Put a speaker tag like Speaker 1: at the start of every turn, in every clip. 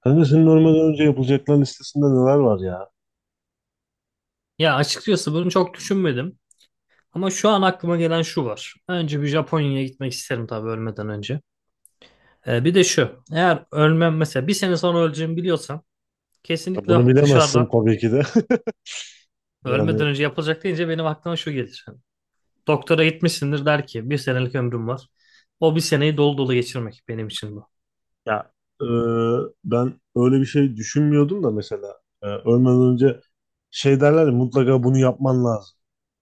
Speaker 1: Kanka, senin ölmeden önce yapılacaklar listesinde neler var ya?
Speaker 2: Ya açıkçası bunu çok düşünmedim. Ama şu an aklıma gelen şu var. Önce bir Japonya'ya gitmek isterim tabii ölmeden önce. Bir de şu. Eğer ölmem mesela bir sene sonra öleceğimi biliyorsam
Speaker 1: Ya
Speaker 2: kesinlikle
Speaker 1: bunu bilemezsin
Speaker 2: dışarıdan
Speaker 1: tabii ki de. Yani,
Speaker 2: ölmeden önce yapılacak deyince benim aklıma şu gelir. Hani doktora gitmişsindir der ki bir senelik ömrüm var. O bir seneyi dolu dolu geçirmek benim için bu.
Speaker 1: ya, e, ben öyle bir şey düşünmüyordum da mesela ölmeden önce şey derler ya, mutlaka bunu yapman lazım.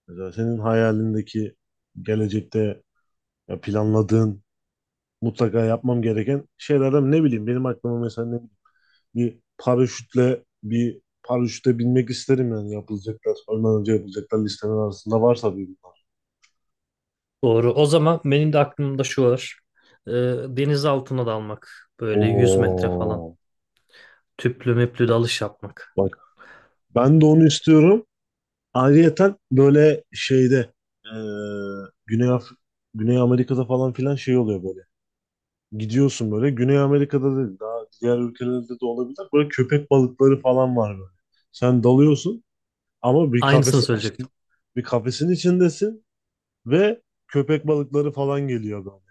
Speaker 1: Mesela senin hayalindeki gelecekte, ya planladığın mutlaka yapmam gereken şeylerden, ne bileyim, benim aklıma mesela, ne bileyim, bir paraşütle binmek isterim. Yani yapılacaklar, ölmeden önce yapılacaklar listemin arasında varsa bir bunlar.
Speaker 2: Doğru. O zaman benim de aklımda şu var. Ee, Deniz altına dalmak. Böyle 100 metre falan.
Speaker 1: Oo.
Speaker 2: Tüplü müplü dalış yapmak.
Speaker 1: Bak. Ben de onu istiyorum. Ayrıyeten böyle şeyde, e, Güney Af Güney Amerika'da falan filan şey oluyor böyle. Gidiyorsun böyle. Güney Amerika'da değil. Daha diğer ülkelerde de olabilir. Böyle köpek balıkları falan var böyle. Sen dalıyorsun ama bir
Speaker 2: Aynısını
Speaker 1: kafesin
Speaker 2: söyleyecektim.
Speaker 1: için, bir kafesin içindesin ve köpek balıkları falan geliyor böyle.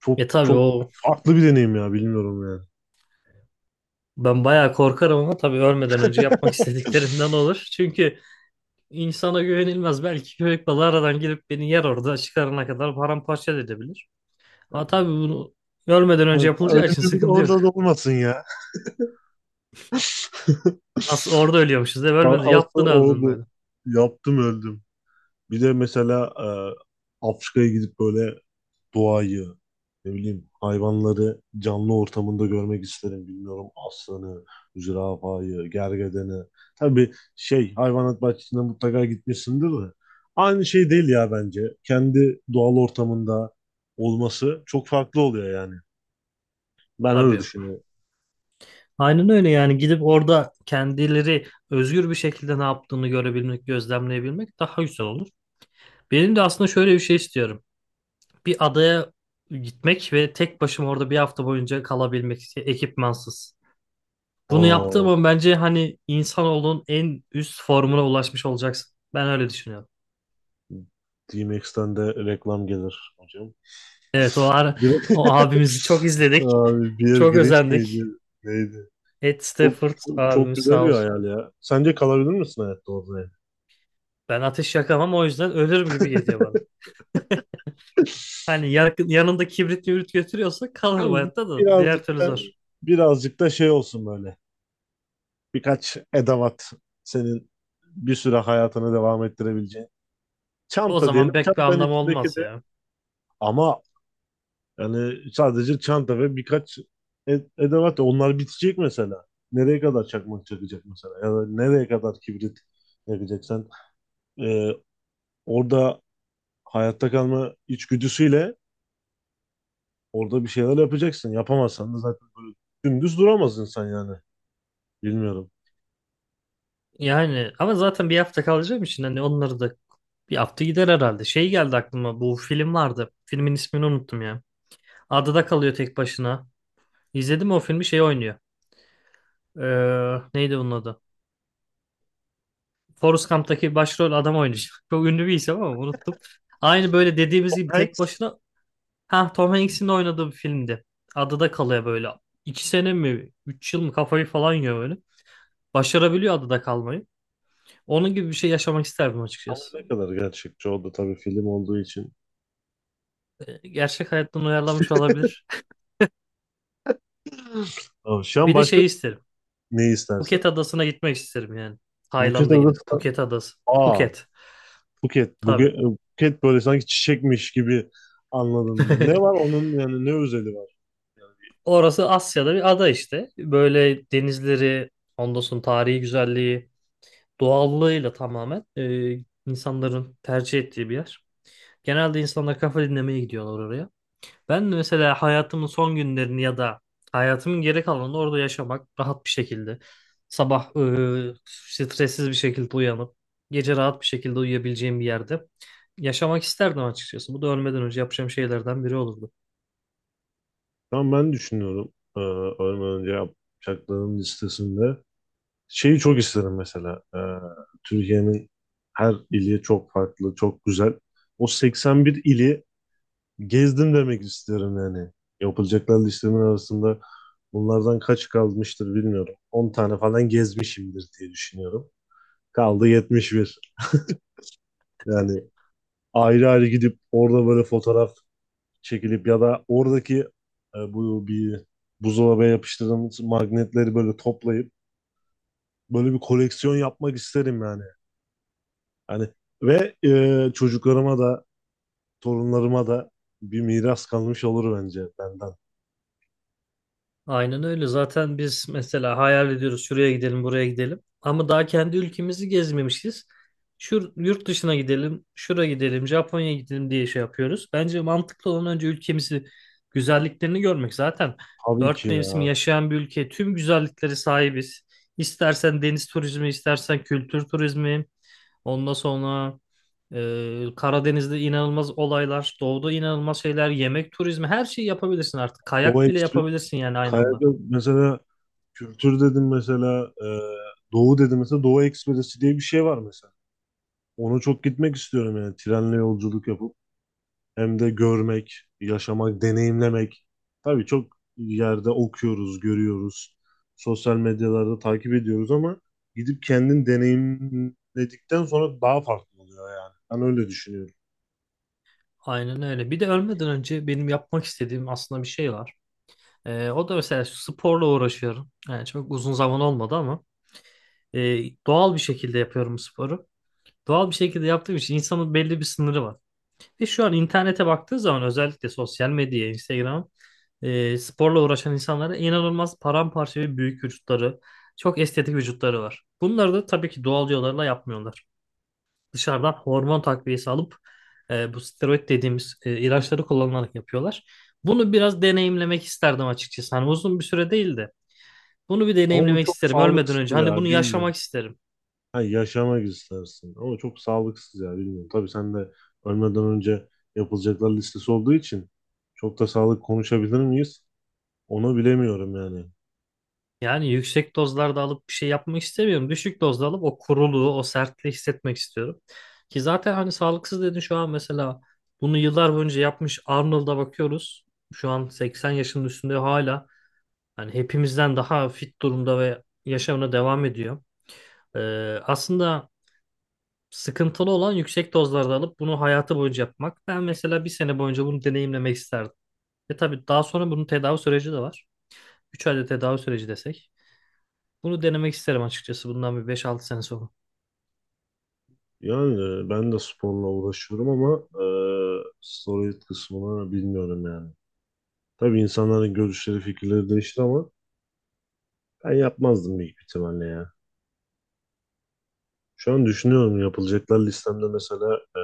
Speaker 1: Çok
Speaker 2: Tabii
Speaker 1: çok
Speaker 2: o,
Speaker 1: farklı bir deneyim ya, bilmiyorum yani.
Speaker 2: ben bayağı korkarım ama tabii ölmeden önce yapmak istediklerimden olur. Çünkü insana güvenilmez. Belki köpek balığı aradan gelip beni yer, orada çıkarana kadar paramparça da edebilir. Ama tabii bunu ölmeden önce yapılacağı
Speaker 1: Öyle,
Speaker 2: için
Speaker 1: bir de
Speaker 2: sıkıntı yok.
Speaker 1: orada da olmasın ya.
Speaker 2: Nasıl orada ölüyormuşuz, değil mi? Ölmedin,
Speaker 1: Aslı
Speaker 2: yaptın, öldün
Speaker 1: oldu.
Speaker 2: böyle.
Speaker 1: Yaptım öldüm. Bir de mesela Afrika'ya gidip böyle doğayı, ne bileyim hayvanları canlı ortamında görmek isterim. Bilmiyorum, aslanı, zürafayı, gergedeni. Tabii şey hayvanat bahçesine mutlaka gitmişsindir de. Aynı şey değil ya, bence. Kendi doğal ortamında olması çok farklı oluyor yani. Ben öyle
Speaker 2: Tabii.
Speaker 1: düşünüyorum.
Speaker 2: Aynen öyle yani gidip orada kendileri özgür bir şekilde ne yaptığını görebilmek, gözlemleyebilmek daha güzel olur. Benim de aslında şöyle bir şey istiyorum. Bir adaya gitmek ve tek başıma orada bir hafta boyunca kalabilmek ekipmansız. Bunu yaptığın
Speaker 1: O
Speaker 2: zaman bence hani insanoğlunun en üst formuna ulaşmış olacaksın. Ben öyle düşünüyorum.
Speaker 1: D-Max'ten de reklam gelir hocam.
Speaker 2: Evet,
Speaker 1: Direkt-
Speaker 2: o abimizi çok izledik.
Speaker 1: Abi, Beer
Speaker 2: Çok
Speaker 1: Grylls miydi?
Speaker 2: özendik.
Speaker 1: Neydi?
Speaker 2: Ed
Speaker 1: Çok,
Speaker 2: Stafford
Speaker 1: çok, çok
Speaker 2: abimiz
Speaker 1: güzel
Speaker 2: sağ
Speaker 1: bir
Speaker 2: olsun.
Speaker 1: hayal ya. Sence kalabilir misin hayatta orada yani?
Speaker 2: Ben ateş yakamam, o yüzden ölürüm gibi geliyor bana. Hani yakın, yanında kibrit mübrit götürüyorsa kalır bu
Speaker 1: Yani
Speaker 2: hayatta, da diğer
Speaker 1: birazcık
Speaker 2: türlü
Speaker 1: da
Speaker 2: zor.
Speaker 1: birazcık da şey olsun böyle. Birkaç edavat, senin bir süre hayatını devam ettirebileceğin.
Speaker 2: O
Speaker 1: Çanta diyelim.
Speaker 2: zaman pek bir
Speaker 1: Çantanın
Speaker 2: anlamı
Speaker 1: içindeki
Speaker 2: olmaz
Speaker 1: de,
Speaker 2: ya.
Speaker 1: ama yani sadece çanta ve birkaç edevat. Onlar bitecek mesela. Nereye kadar çakmak çakacak mesela? Ya da nereye kadar kibrit yakacak? Sen e, orada hayatta kalma içgüdüsüyle orada bir şeyler yapacaksın. Yapamazsan da zaten böyle dümdüz duramaz insan yani. Bilmiyorum.
Speaker 2: Yani ama zaten bir hafta kalacağım için hani onları da bir hafta gider herhalde. Şey geldi aklıma, bu film vardı. Filmin ismini unuttum ya. Adada kalıyor tek başına. İzledim o filmi, şey oynuyor. Neydi bunun adı? Forrest Gump'taki başrol adam oynayacak. Çok ünlü bir isim ama unuttum. Aynı böyle dediğimiz gibi
Speaker 1: Evet.
Speaker 2: tek başına, ha, Tom Hanks'in de oynadığı bir filmdi. Adada kalıyor böyle. 2 sene mi? 3 yıl mı? Kafayı falan yiyor böyle. Başarabiliyor adada kalmayı. Onun gibi bir şey yaşamak isterdim
Speaker 1: Ama
Speaker 2: açıkçası.
Speaker 1: ne kadar gerçekçi oldu, tabii film olduğu için.
Speaker 2: Gerçek hayattan uyarlanmış olabilir.
Speaker 1: Aa, şu an
Speaker 2: Bir de
Speaker 1: başka
Speaker 2: şey isterim.
Speaker 1: ne
Speaker 2: Phuket
Speaker 1: istersin?
Speaker 2: adasına gitmek isterim yani.
Speaker 1: Buket
Speaker 2: Tayland'a
Speaker 1: Adası.
Speaker 2: gidip Phuket adası.
Speaker 1: Aa,
Speaker 2: Phuket.
Speaker 1: buket.
Speaker 2: Tabii.
Speaker 1: Buket, buket böyle sanki çiçekmiş gibi anladım ben. Ne var onun, yani ne özeli var? Yani,
Speaker 2: Orası Asya'da bir ada işte. Böyle denizleri, ondan sonra tarihi güzelliği, doğallığıyla tamamen insanların tercih ettiği bir yer. Genelde insanlar kafa dinlemeye gidiyorlar oraya. Ben de mesela hayatımın son günlerini ya da hayatımın geri kalanını orada yaşamak rahat bir şekilde. Sabah, stressiz bir şekilde uyanıp gece rahat bir şekilde uyuyabileceğim bir yerde yaşamak isterdim açıkçası. Bu da ölmeden önce yapacağım şeylerden biri olurdu.
Speaker 1: şu an ben düşünüyorum. Ölmeden önce yapacaklarım listesinde. Şeyi çok isterim mesela. Türkiye'nin her ili çok farklı, çok güzel. O 81 ili gezdim demek isterim yani. Yapılacaklar listemin arasında bunlardan kaç kalmıştır bilmiyorum. 10 tane falan gezmişimdir diye düşünüyorum. Kaldı 71. Yani ayrı ayrı gidip orada böyle fotoğraf çekilip ya da oradaki bu bir buzdolabına yapıştırdığımız magnetleri böyle toplayıp böyle bir koleksiyon yapmak isterim yani. Hani ve çocuklarıma da torunlarıma da bir miras kalmış olur bence benden.
Speaker 2: Aynen öyle. Zaten biz mesela hayal ediyoruz şuraya gidelim, buraya gidelim. Ama daha kendi ülkemizi gezmemişiz. Şu yurt dışına gidelim, şura gidelim, Japonya'ya gidelim diye şey yapıyoruz. Bence mantıklı olan önce ülkemizi, güzelliklerini görmek. Zaten
Speaker 1: Tabii ki
Speaker 2: dört
Speaker 1: ya.
Speaker 2: mevsim yaşayan bir ülke, tüm güzellikleri sahibiz. İstersen deniz turizmi, istersen kültür turizmi, ondan sonra Karadeniz'de inanılmaz olaylar, doğuda inanılmaz şeyler, yemek turizmi, her şeyi yapabilirsin artık.
Speaker 1: Doğu
Speaker 2: Kayak bile
Speaker 1: Ekspresi.
Speaker 2: yapabilirsin yani aynı anda.
Speaker 1: Kayada mesela, kültür dedim mesela, Doğu dedim mesela, Doğu Ekspresi diye bir şey var mesela. Ona çok gitmek istiyorum yani, trenle yolculuk yapıp. Hem de görmek, yaşamak, deneyimlemek. Tabii çok yerde okuyoruz, görüyoruz. Sosyal medyalarda takip ediyoruz ama gidip kendin deneyimledikten sonra daha farklı oluyor yani. Ben öyle düşünüyorum.
Speaker 2: Aynen öyle. Bir de ölmeden önce benim yapmak istediğim aslında bir şey var. O da mesela şu, sporla uğraşıyorum. Yani çok uzun zaman olmadı ama e, doğal bir şekilde yapıyorum sporu. Doğal bir şekilde yaptığım için insanın belli bir sınırı var. Ve şu an internete baktığı zaman, özellikle sosyal medyaya, Instagram, sporla uğraşan insanlara, inanılmaz paramparça ve büyük vücutları, çok estetik vücutları var. Bunları da tabii ki doğal yollarla yapmıyorlar, dışarıdan hormon takviyesi alıp bu steroid dediğimiz ilaçları kullanılarak yapıyorlar. Bunu biraz deneyimlemek isterdim açıkçası. Hani uzun bir süre değil de bunu bir
Speaker 1: Ama bu
Speaker 2: deneyimlemek
Speaker 1: çok
Speaker 2: isterim ölmeden
Speaker 1: sağlıksız
Speaker 2: önce. Hani bunu
Speaker 1: ya, bilmiyorum.
Speaker 2: yaşamak isterim.
Speaker 1: Ha, yaşamak istersin ama çok sağlıksız ya, bilmiyorum. Tabii sen de ölmeden önce yapılacaklar listesi olduğu için çok da sağlık konuşabilir miyiz? Onu bilemiyorum yani.
Speaker 2: Yani yüksek dozlarda alıp bir şey yapmak istemiyorum. Düşük dozda alıp o kuruluğu, o sertliği hissetmek istiyorum. Ki zaten hani sağlıksız dedin, şu an mesela bunu yıllar boyunca yapmış Arnold'a bakıyoruz. Şu an 80 yaşının üstünde hala hani hepimizden daha fit durumda ve yaşamına devam ediyor. Aslında sıkıntılı olan yüksek dozlarda alıp bunu hayatı boyunca yapmak. Ben mesela bir sene boyunca bunu deneyimlemek isterdim. Ve tabii daha sonra bunun tedavi süreci de var. 3 ayda tedavi süreci desek. Bunu denemek isterim açıkçası bundan bir 5-6 sene sonra.
Speaker 1: Yani ben de sporla uğraşıyorum ama steroid kısmını bilmiyorum yani. Tabii insanların görüşleri, fikirleri değişti ama ben yapmazdım büyük ihtimalle ya. Şu an düşünüyorum yapılacaklar listemde mesela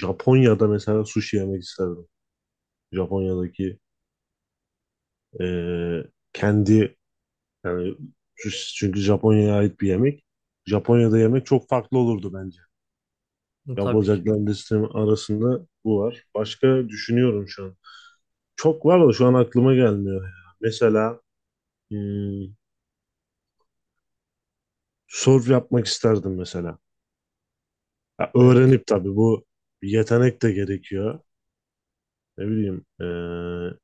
Speaker 1: Japonya'da mesela sushi yemek isterdim. Japonya'daki e, kendi yani sushi, çünkü Japonya'ya ait bir yemek. Japonya'da yemek çok farklı olurdu bence.
Speaker 2: Hı, tabii ki.
Speaker 1: Yapılacaklar listem arasında bu var. Başka düşünüyorum şu an. Çok var da şu an aklıma gelmiyor ya. Mesela hmm, surf yapmak isterdim mesela. Ya
Speaker 2: Evet.
Speaker 1: öğrenip, tabii bu bir yetenek de gerekiyor. Ne bileyim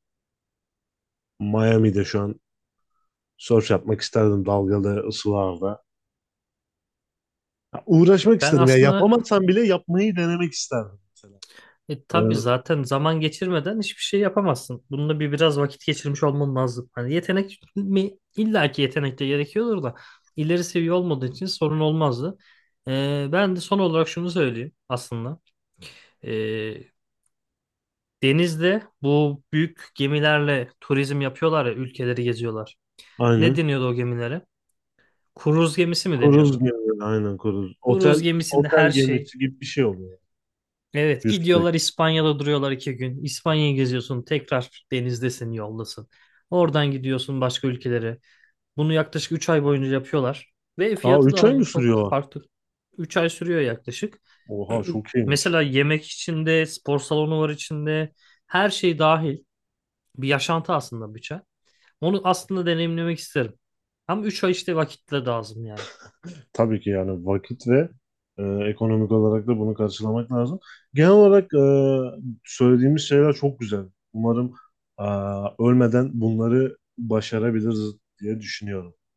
Speaker 1: Miami'de şu an surf yapmak isterdim dalgalı ısılarda. Ya uğraşmak
Speaker 2: Ben
Speaker 1: isterdim ya
Speaker 2: aslında,
Speaker 1: yapamazsam bile yapmayı denemek isterdim mesela.
Speaker 2: tabii
Speaker 1: Öyle-
Speaker 2: zaten zaman geçirmeden hiçbir şey yapamazsın. Bununla bir biraz vakit geçirmiş olman lazım. Hani yetenek mi? İlla ki yetenek de gerekiyordur da ileri seviye olmadığı için sorun olmazdı. Ben de son olarak şunu söyleyeyim aslında. E, Denizde bu büyük gemilerle turizm yapıyorlar ya, ülkeleri geziyorlar. Ne
Speaker 1: aynen.
Speaker 2: deniyordu o gemilere? Kruz gemisi mi
Speaker 1: Kruz
Speaker 2: deniyordu?
Speaker 1: gemi, aynen kruz.
Speaker 2: Kruz
Speaker 1: Otel
Speaker 2: gemisinde
Speaker 1: otel
Speaker 2: her şey.
Speaker 1: gemisi gibi bir şey oluyor.
Speaker 2: Evet,
Speaker 1: Yüzbük.
Speaker 2: gidiyorlar, İspanya'da duruyorlar 2 gün. İspanya'yı geziyorsun, tekrar denizdesin, yoldasın. Oradan gidiyorsun başka ülkelere. Bunu yaklaşık 3 ay boyunca yapıyorlar. Ve
Speaker 1: Aa,
Speaker 2: fiyatı
Speaker 1: üç
Speaker 2: da
Speaker 1: ay mı
Speaker 2: hani çok
Speaker 1: sürüyor?
Speaker 2: farklı. 3 ay sürüyor yaklaşık.
Speaker 1: Oha, çok iyiymiş.
Speaker 2: Mesela yemek içinde, spor salonu var içinde. Her şey dahil. Bir yaşantı aslında, bütçe. Onu aslında deneyimlemek isterim. Ama 3 ay işte vakitle lazım yani.
Speaker 1: Tabii ki yani vakit ve ekonomik olarak da bunu karşılamak lazım. Genel olarak söylediğimiz şeyler çok güzel. Umarım e, ölmeden bunları başarabiliriz diye düşünüyorum.